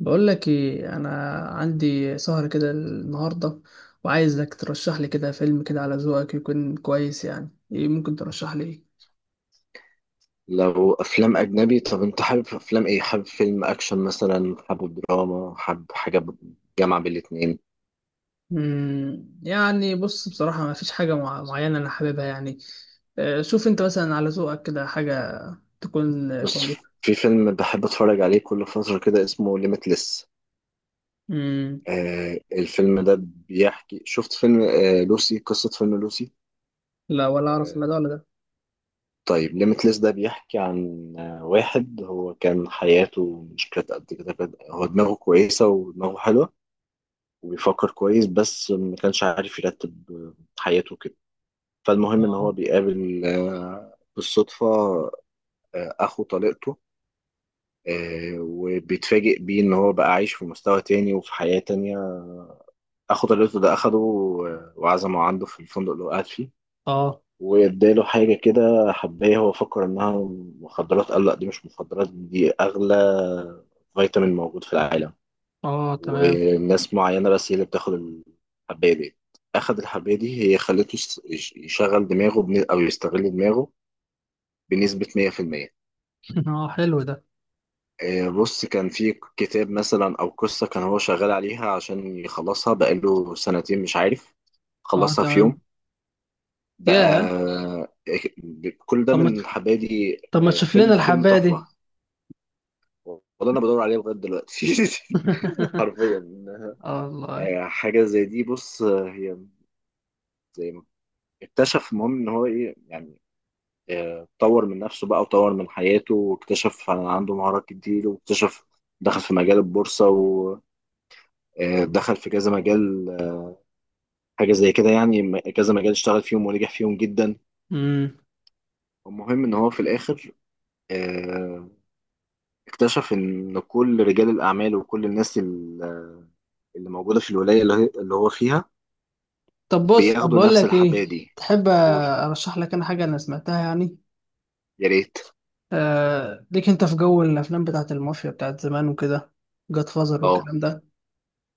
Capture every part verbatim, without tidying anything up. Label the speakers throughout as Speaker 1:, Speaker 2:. Speaker 1: بقول لك ايه. انا عندي سهرة كده النهارده، وعايزك ترشح لي كده فيلم كده على ذوقك يكون كويس. يعني ايه ممكن ترشح لي ايه؟
Speaker 2: لو افلام اجنبي. طب انت حابب افلام ايه؟ حابب فيلم اكشن مثلا، حابب دراما، حابب حاجه ب- جامعه بين الاتنين.
Speaker 1: مم، يعني بص، بصراحة ما فيش حاجة مع- معينة انا حاببها يعني. آه، شوف انت مثلا على ذوقك كده حاجة تكون آه،
Speaker 2: بص،
Speaker 1: كويسة.
Speaker 2: في فيلم بحب اتفرج عليه كل فتره كده اسمه ليميتلس.
Speaker 1: مم.
Speaker 2: آه الفيلم ده بيحكي، شفت فيلم آه لوسي؟ قصه فيلم لوسي.
Speaker 1: لا، ولا اعرف
Speaker 2: آه
Speaker 1: ولا ده ولا ده.
Speaker 2: طيب ليميتلس ده بيحكي عن آه واحد هو كان حياته مش كانت قد كده، كانت- هو دماغه كويسه ودماغه حلوه وبيفكر كويس، بس ما كانش عارف يرتب حياته كده. فالمهم ان هو
Speaker 1: اه.
Speaker 2: بيقابل آه، بالصدفه آه، اخو طليقته. آه، وبيتفاجئ بيه ان هو بقى عايش في مستوى تاني وفي حياه تانيه. اخو طليقته ده اخده آه، وعزمه عنده في الفندق اللي هو قاعد فيه،
Speaker 1: اه.
Speaker 2: واداله حاجه كده، حبايه هو فكر انها مخدرات. قال لا، دي مش مخدرات، دي اغلى فيتامين موجود في العالم،
Speaker 1: اه، تمام.
Speaker 2: وناس معينه بس هي اللي بتاخد الحبايه دي. اخد الحبايه دي هي خلته يش- يشغل دماغه بن- او يستغل دماغه بنسبة مية في المية.
Speaker 1: اه، حلو ده.
Speaker 2: آه، بص، كان في كتاب مثلا او قصه كان هو شغال عليها عشان يخلصها بقاله سنتين مش عارف،
Speaker 1: اه،
Speaker 2: خلصها في
Speaker 1: تمام.
Speaker 2: يوم بقى.
Speaker 1: يا
Speaker 2: آه، كل ده
Speaker 1: طب ما،
Speaker 2: من حبادي.
Speaker 1: طب ما
Speaker 2: آه،
Speaker 1: تشوف
Speaker 2: فيلم
Speaker 1: لنا
Speaker 2: فيلم
Speaker 1: الحبايه دي.
Speaker 2: تحفه، والله انا بدور عليه لغايه دلوقتي. حرفيا.
Speaker 1: اه،
Speaker 2: آه، حاجه زي دي، بص، آه، هي زي ما اكتشف، المهم ان هو ايه يعني، آه، طور من نفسه بقى وطور من حياته واكتشف عن- عنده مهارات كتير، واكتشف دخل في مجال البورصه، آه، دخل في كذا مجال، آه، حاجة زي كده يعني، م- كذا مجال اشتغل فيهم ونجح فيهم جدا.
Speaker 1: والله.
Speaker 2: المهم ان هو في الاخر آه، اكتشف ان كل رجال الاعمال وكل الناس ال- آه، اللي موجودة في الولاية اللي هي- اللي هو فيها
Speaker 1: طب بص، طب
Speaker 2: بياخدوا
Speaker 1: بقول
Speaker 2: نفس
Speaker 1: لك ايه،
Speaker 2: الحباية دي.
Speaker 1: تحب
Speaker 2: قول،
Speaker 1: ارشح لك انا حاجه انا سمعتها يعني؟
Speaker 2: يا ريت.
Speaker 1: آه، ليك انت في جو الافلام بتاعت المافيا بتاعت زمان وكده، جاد فازر
Speaker 2: اه
Speaker 1: والكلام ده.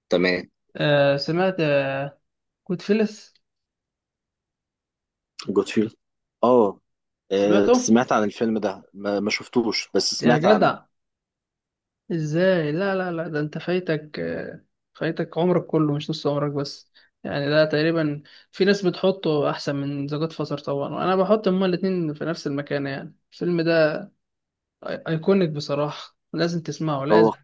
Speaker 2: تمام.
Speaker 1: آه، سمعت آه كود فيلس؟
Speaker 2: جود فيل. اه، آه،
Speaker 1: سمعته.
Speaker 2: سمعت عن الفيلم ده، ما ما شفتوش، بس
Speaker 1: يا
Speaker 2: سمعت عنه.
Speaker 1: جدع، ازاي؟ لا لا لا ده انت فايتك آه فايتك عمرك كله مش نص عمرك بس. يعني ده تقريبا، في ناس بتحطه احسن من ذا جاد فازر طبعا، وانا بحط هما الاتنين في نفس المكان. يعني الفيلم ده ايكونيك بصراحه، لازم تسمعه،
Speaker 2: هو
Speaker 1: لازم.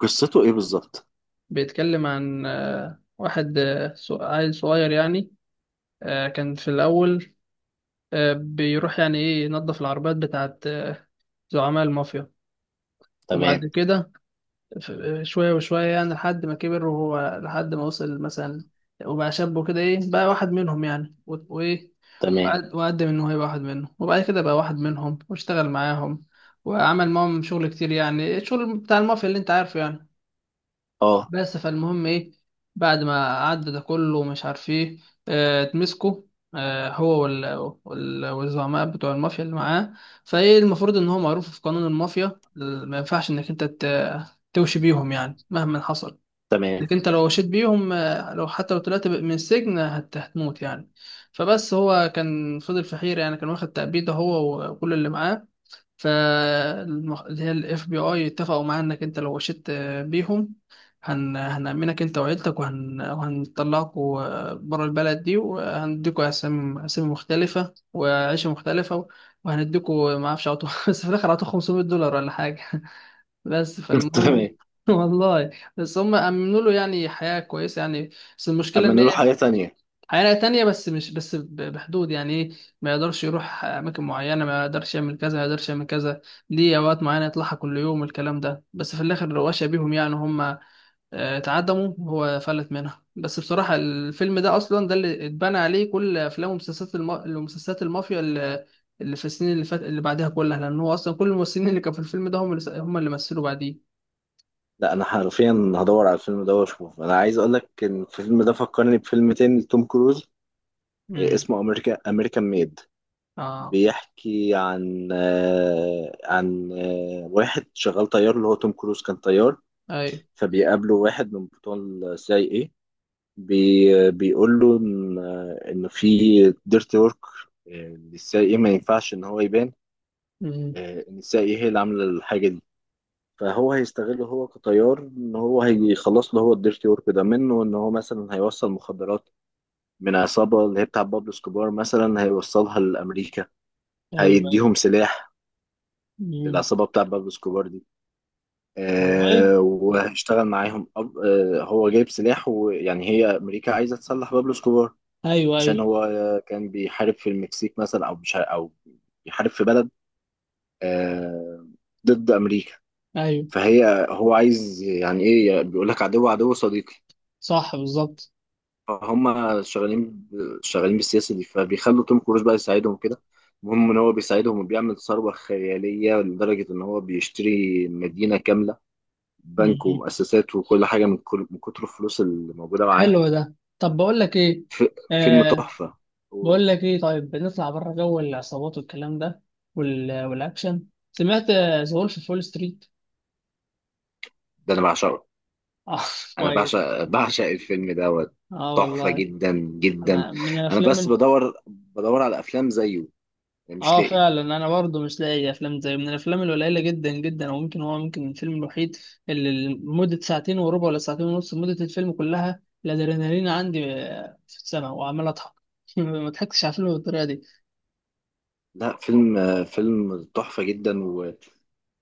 Speaker 2: قصته ايه بالظبط؟
Speaker 1: بيتكلم عن آه، واحد، آه، ص- عيل صغير يعني، آه، كان في الأول آه، بيروح يعني إيه، ينظف العربيات بتاعت آه، زعماء المافيا. وبعد
Speaker 2: تمام.
Speaker 1: كده ف- آه، شوية وشوية يعني، لحد ما كبر، وهو لحد ما وصل مثلا وبقى شاب وكده إيه، بقى واحد منهم يعني، و- وإيه،
Speaker 2: تمام.
Speaker 1: وقد- وقدم إن هو يبقى واحد منهم، وبعد كده بقى واحد منهم واشتغل معاهم، وعمل معاهم شغل كتير، يعني الشغل بتاع المافيا اللي أنت عارفه يعني.
Speaker 2: اه
Speaker 1: بس فالمهم ايه، بعد ما عدى ده كله ومش عارف ايه، آه، اتمسكوا، آه، هو وال- وال- والزعماء بتوع المافيا اللي معاه. فايه، المفروض ان هو معروف في قانون المافيا ال- ما ينفعش انك انت ت- توشي بيهم يعني مهما حصل.
Speaker 2: تمام.
Speaker 1: انك انت لو وشيت بيهم، آه، لو حتى لو طلعت ب- من السجن هت- هتموت يعني. فبس هو كان فضل في حيرة، يعني كان واخد تأبيده هو وكل اللي معاه. فالمح... اللي هي الاف بي اي اتفقوا معانا انك انت لو وشيت آه، بيهم هن... هنأمنك انت وعيلتك وهن... وهنطلعكوا آه، برا البلد دي، وهنديكوا اسامي، اسامي مختلفة وعيشة مختلفة، و- وهنديكوا ما اعرفش، عطوا بس في الاخر عطوا خمسمية دولار ولا حاجة. بس
Speaker 2: تمام.
Speaker 1: فالمهم والله بس هم امنوا له يعني حياة كويسة يعني. بس المشكلة
Speaker 2: اما
Speaker 1: ان
Speaker 2: نقوله
Speaker 1: هي
Speaker 2: حاجة تانية.
Speaker 1: حياة تانية، بس مش بس ب- بحدود يعني ايه، ما يقدرش يروح أماكن معينة، ما يقدرش يعمل كذا، ما يقدرش يعمل كذا، ليه أوقات معينة يطلعها كل يوم الكلام ده. بس في الآخر رواشة بيهم، يعني هم آه، اتعدموا وهو فلت منها. بس بصراحة الفيلم ده أصلا ده اللي اتبنى عليه كل أفلام ومسلسلات الم... المسلسلات المافيا اللي اللي في السنين اللي فات اللي بعدها كلها، لأن هو أصلا كل الممثلين اللي كانوا في الفيلم ده هم اللي س- هم اللي مثلوا بعديه.
Speaker 2: لا، انا حرفيا هدور على الفيلم ده واشوف. انا عايز اقول لك ان الفيلم ده فكرني بفيلم تاني لتوم كروز، إيه،
Speaker 1: امم.
Speaker 2: اسمه امريكا امريكان ميد.
Speaker 1: اه.
Speaker 2: بيحكي عن آه، عن آه، واحد شغال طيار، اللي هو توم كروز كان طيار.
Speaker 1: أيوه.
Speaker 2: فبيقابله واحد من بتوع السي اي اي، بي بيقول له ان آه، إن في ديرتي ورك للسي اي اي، إيه ما ينفعش ان هو يبان
Speaker 1: امم.
Speaker 2: آه، ان السي اي اي هي اللي عامله الحاجه دي. فهو هيستغله هو كطيار، ان هو هيخلص له هو الديرتي ورك ده منه، ان هو مثلا هيوصل مخدرات من عصابه اللي هي بتاع بابلو سكوبار، مثلا هيوصلها لامريكا،
Speaker 1: ايوه، ايوه.
Speaker 2: هيديهم سلاح
Speaker 1: امم.
Speaker 2: للعصابه بتاع بابلو سكوبار دي.
Speaker 1: والله.
Speaker 2: آه وهيشتغل معاهم أب... آه هو جايب سلاح، ويعني هي امريكا عايزه تسلح بابلو سكوبار
Speaker 1: ايوه،
Speaker 2: عشان
Speaker 1: ايوه.
Speaker 2: هو آه، كان بيحارب في المكسيك مثلا، او مش ع- او بيحارب في بلد آه ضد امريكا.
Speaker 1: ايوه.
Speaker 2: فهي، هو عايز يعني ايه، بيقول لك عدو عدو صديقي.
Speaker 1: صح، بالظبط.
Speaker 2: فهم شغالين ب- شغالين بالسياسه دي، فبيخلوا توم كروز بقى يساعدهم كده. المهم ان هو بيساعدهم وبيعمل ثروه خياليه لدرجه ان هو بيشتري مدينه كامله، بنك
Speaker 1: مم.
Speaker 2: ومؤسسات وكل حاجه، من كل من كتر الفلوس اللي موجوده معاه.
Speaker 1: حلو ده، طب بقول لك ايه،
Speaker 2: ف- فيلم
Speaker 1: آه
Speaker 2: تحفه.
Speaker 1: بقول لك ايه، طيب نطلع بره جو العصابات والكلام ده وال... والاكشن. سمعت ذا وولف في فول ستريت؟
Speaker 2: ده انا بعشقه.
Speaker 1: اه.
Speaker 2: انا
Speaker 1: كويس.
Speaker 2: بعشق بعشق الفيلم دوت،
Speaker 1: اه،
Speaker 2: تحفه
Speaker 1: والله.
Speaker 2: جدا جدا.
Speaker 1: انا من
Speaker 2: انا
Speaker 1: الافلام
Speaker 2: بس
Speaker 1: ال...
Speaker 2: بدور بدور على افلام زيه مش
Speaker 1: اه
Speaker 2: لاقي.
Speaker 1: فعلا انا برضو مش لاقي افلام زي، من الافلام القليله جدا جدا، او ممكن هو ممكن الفيلم الوحيد اللي مده ساعتين وربع ولا ساعتين ونص، مده الفيلم كلها الادرينالين عندي آه، في السماء وعمال اضحك. ما ضحكتش على الفيلم بالطريقه دي.
Speaker 2: لا، فيلم فيلم تحفه جدا.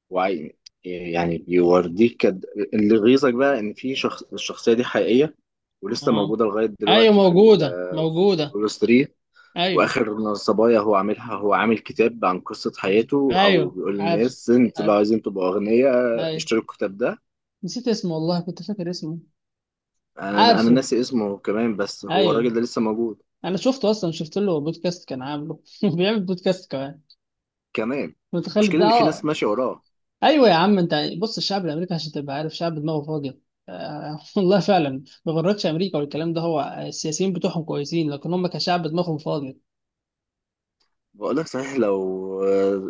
Speaker 2: وعي يعني، بيوريك قد- اللي يغيظك بقى ان في شخص، الشخصيه دي حقيقيه ولسه
Speaker 1: اه.
Speaker 2: موجوده لغايه
Speaker 1: ايوه،
Speaker 2: دلوقتي في
Speaker 1: موجودة موجودة.
Speaker 2: الكولوس تلاتة.
Speaker 1: ايوه،
Speaker 2: واخر صبايا هو عاملها، هو عامل كتاب عن قصه حياته، او
Speaker 1: ايوه.
Speaker 2: بيقول
Speaker 1: عارف.
Speaker 2: للناس انتوا
Speaker 1: عارف.
Speaker 2: لو عايزين تبقوا اغنياء
Speaker 1: ايوه.
Speaker 2: اشتروا الكتاب ده.
Speaker 1: نسيت اسمه والله، كنت فاكر اسمه.
Speaker 2: انا انا
Speaker 1: عارفه.
Speaker 2: ناسي اسمه كمان، بس هو
Speaker 1: ايوه.
Speaker 2: الراجل ده لسه موجود
Speaker 1: انا شفته اصلا، شفت له بودكاست كان عامله بيعمل بودكاست كمان،
Speaker 2: كمان.
Speaker 1: متخيل
Speaker 2: المشكله
Speaker 1: ده؟
Speaker 2: ان في ناس
Speaker 1: اه.
Speaker 2: ماشيه وراه.
Speaker 1: ايوه يا عم انت، بص، الشعب الامريكي، عشان تبقى عارف، شعب دماغه فاضيه. آه والله فعلا، ما غرتش امريكا والكلام ده، هو السياسيين بتوعهم كويسين، لكن هم كشعب دماغهم فاضيه.
Speaker 2: بقول لك صحيح، لو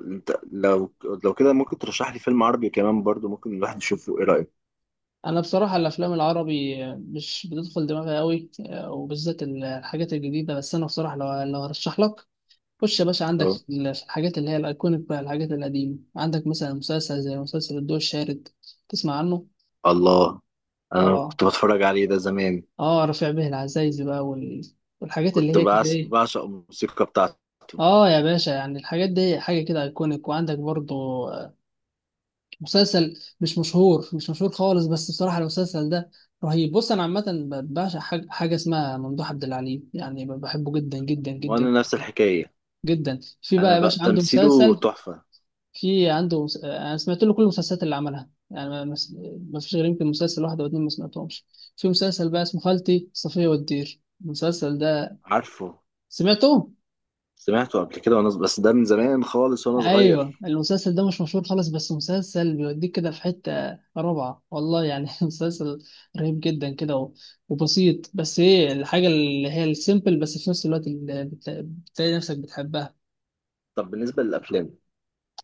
Speaker 2: انت لو لو كده ممكن ترشح لي فيلم عربي كمان برضو، ممكن الواحد يشوفه. ايه رايك؟
Speaker 1: انا بصراحه الافلام العربي مش بتدخل دماغي قوي، وبالذات الحاجات الجديده. بس انا بصراحه لو لو هرشح لك، خش يا باشا عندك
Speaker 2: اه،
Speaker 1: الحاجات اللي هي الايكونيك بقى، الحاجات القديمه. عندك مثلا مسلسل زي مسلسل الضوء الشارد، تسمع عنه؟
Speaker 2: الله، انا
Speaker 1: اه.
Speaker 2: كنت بتفرج عليه ده زمان.
Speaker 1: اه رفيع به العزايزي بقى وال... والحاجات اللي
Speaker 2: كنت
Speaker 1: هي كده
Speaker 2: بعش-
Speaker 1: ايه.
Speaker 2: بعشق الموسيقى بتاعته.
Speaker 1: اه يا باشا، يعني الحاجات دي حاجه كده ايكونيك. وعندك برضو آه، مسلسل مش مشهور، مش مشهور خالص، بس بصراحة المسلسل ده رهيب. بص أنا عامة ب- بعشق حاجة، حاجة اسمها ممدوح عبد العليم، يعني ب- بحبه جدا جدا جدا
Speaker 2: وانا نفس
Speaker 1: جدا
Speaker 2: الحكايه.
Speaker 1: جدا. في بقى
Speaker 2: انا
Speaker 1: يا
Speaker 2: بقى
Speaker 1: باشا عنده
Speaker 2: تمثيله
Speaker 1: مسلسل،
Speaker 2: تحفه.
Speaker 1: في عنده مس... آه، أنا سمعت له كل المسلسلات اللي عملها يعني، ما مس- ما فيش غير يمكن مسلسل واحد أو اتنين ما سمعتهمش. في مسلسل بقى اسمه خالتي صفية والدير، المسلسل ده
Speaker 2: عارفه.
Speaker 1: سمعته؟
Speaker 2: سمعته قبل كده، وانا بس ده من زمان خالص وانا
Speaker 1: ايوه،
Speaker 2: صغير.
Speaker 1: المسلسل ده مش مشهور خالص، بس مسلسل بيوديك كده في حته رابعه، والله يعني. مسلسل رهيب جدا كده، و- وبسيط، بس ايه، الحاجه اللي هي السيمبل بس في نفس الوقت اللي بت- بتلاقي نفسك بتحبها.
Speaker 2: طب بالنسبه للافلام،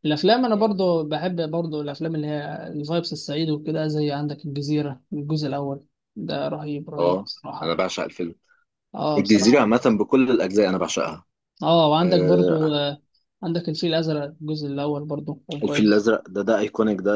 Speaker 1: الافلام انا
Speaker 2: يعني.
Speaker 1: برضو بحب برضو الافلام اللي هي الفايبس السعيده وكده، زي عندك الجزيره الجزء الاول، ده رهيب رهيب
Speaker 2: اه، انا
Speaker 1: بصراحه.
Speaker 2: بعشق الفيلم
Speaker 1: اه،
Speaker 2: الجزيره
Speaker 1: بصراحه.
Speaker 2: عامه، بكل الاجزاء انا بعشقها.
Speaker 1: اه، وعندك
Speaker 2: آه
Speaker 1: برضو آه، عندك الفيل الازرق الجزء الاول برضو كان
Speaker 2: الفيل
Speaker 1: كويس.
Speaker 2: الازرق ده، ده ايكونيك ده.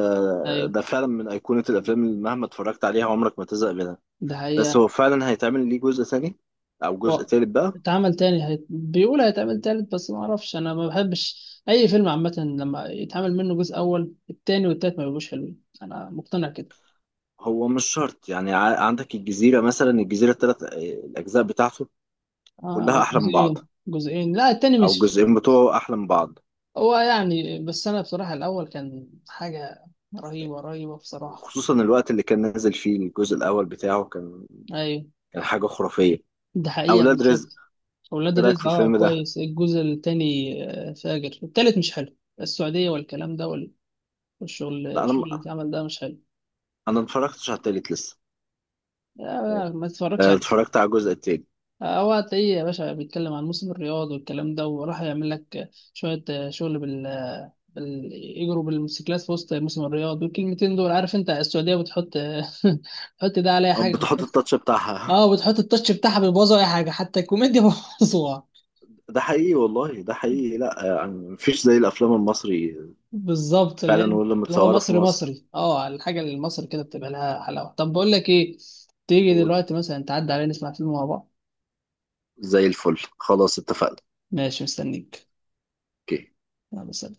Speaker 1: ايوه.
Speaker 2: ده فعلا من ايقونه الافلام اللي مهما اتفرجت عليها عمرك ما تزهق منها.
Speaker 1: ده
Speaker 2: بس
Speaker 1: حقيقة.
Speaker 2: هو فعلا هيتعمل ليه جزء ثاني او
Speaker 1: و-
Speaker 2: جزء ثالث بقى؟
Speaker 1: اتعمل تاني، هيت... بيقول هيتعمل تالت، بس ما اعرفش، انا ما بحبش اي فيلم عامه لما يتعمل منه جزء، اول التاني والتالت ما بيبقوش حلوين، انا مقتنع كده.
Speaker 2: هو مش شرط يعني، ع- عندك الجزيرة مثلا، الجزيرة الثلاث الأجزاء بتاعته كلها
Speaker 1: اه،
Speaker 2: أحلى من بعض،
Speaker 1: جزئين، جزئين، لا التاني
Speaker 2: أو
Speaker 1: مش،
Speaker 2: الجزئين بتوعه أحلى من بعض.
Speaker 1: هو يعني، بس انا بصراحه الاول كان حاجه رهيبه رهيبه بصراحه.
Speaker 2: وخصوصا الوقت اللي كان نازل فيه الجزء الأول بتاعه، كان
Speaker 1: ايوه،
Speaker 2: كان حاجة خرافية.
Speaker 1: ده حقيقه
Speaker 2: أولاد رزق،
Speaker 1: بالظبط. اولاد
Speaker 2: إيه رأيك في
Speaker 1: رزق، اه
Speaker 2: الفيلم ده؟
Speaker 1: كويس الجزء التاني. آه، فاجر، التالت مش حلو، السعوديه والكلام ده وال- والشغل،
Speaker 2: لا، أنا م-
Speaker 1: الشغل اللي اتعمل ده مش حلو.
Speaker 2: أنا ما اتفرجتش على التالت لسه.
Speaker 1: لا لا، ما تتفرجش.
Speaker 2: آه، اتفرجت على الجزء التاني.
Speaker 1: هو هتلاقيه يا باشا بيتكلم عن موسم الرياض والكلام ده، وراح يعمل لك شوية شغل بال بال يجروا بالموتوسيكلات في وسط موسم الرياض. والكلمتين دول عارف، انت السعودية بتحط بتحط ده على اي
Speaker 2: آه،
Speaker 1: حاجة،
Speaker 2: بتحط
Speaker 1: بتحط
Speaker 2: التاتش بتاعها.
Speaker 1: اه بتحط التاتش بتاعها، بيبوظوا اي حاجة، حتى الكوميديا بيبوظوها.
Speaker 2: ده حقيقي والله، ده حقيقي. لا آه، يعني مفيش زي الأفلام المصري،
Speaker 1: بالظبط، اللي هي
Speaker 2: فعلا، ولا
Speaker 1: اللي هو
Speaker 2: متصورة في
Speaker 1: مصري
Speaker 2: مصر.
Speaker 1: مصري، اه الحاجة اللي المصري كده بتبقى لها حلاوة. طب بقول لك ايه، تيجي
Speaker 2: قول.
Speaker 1: دلوقتي مثلا تعدي علينا نسمع فيلم مع بعض؟
Speaker 2: زي الفل، خلاص اتفقنا.
Speaker 1: ماشي، مستنيك.
Speaker 2: أوكي.
Speaker 1: يلا، سلام.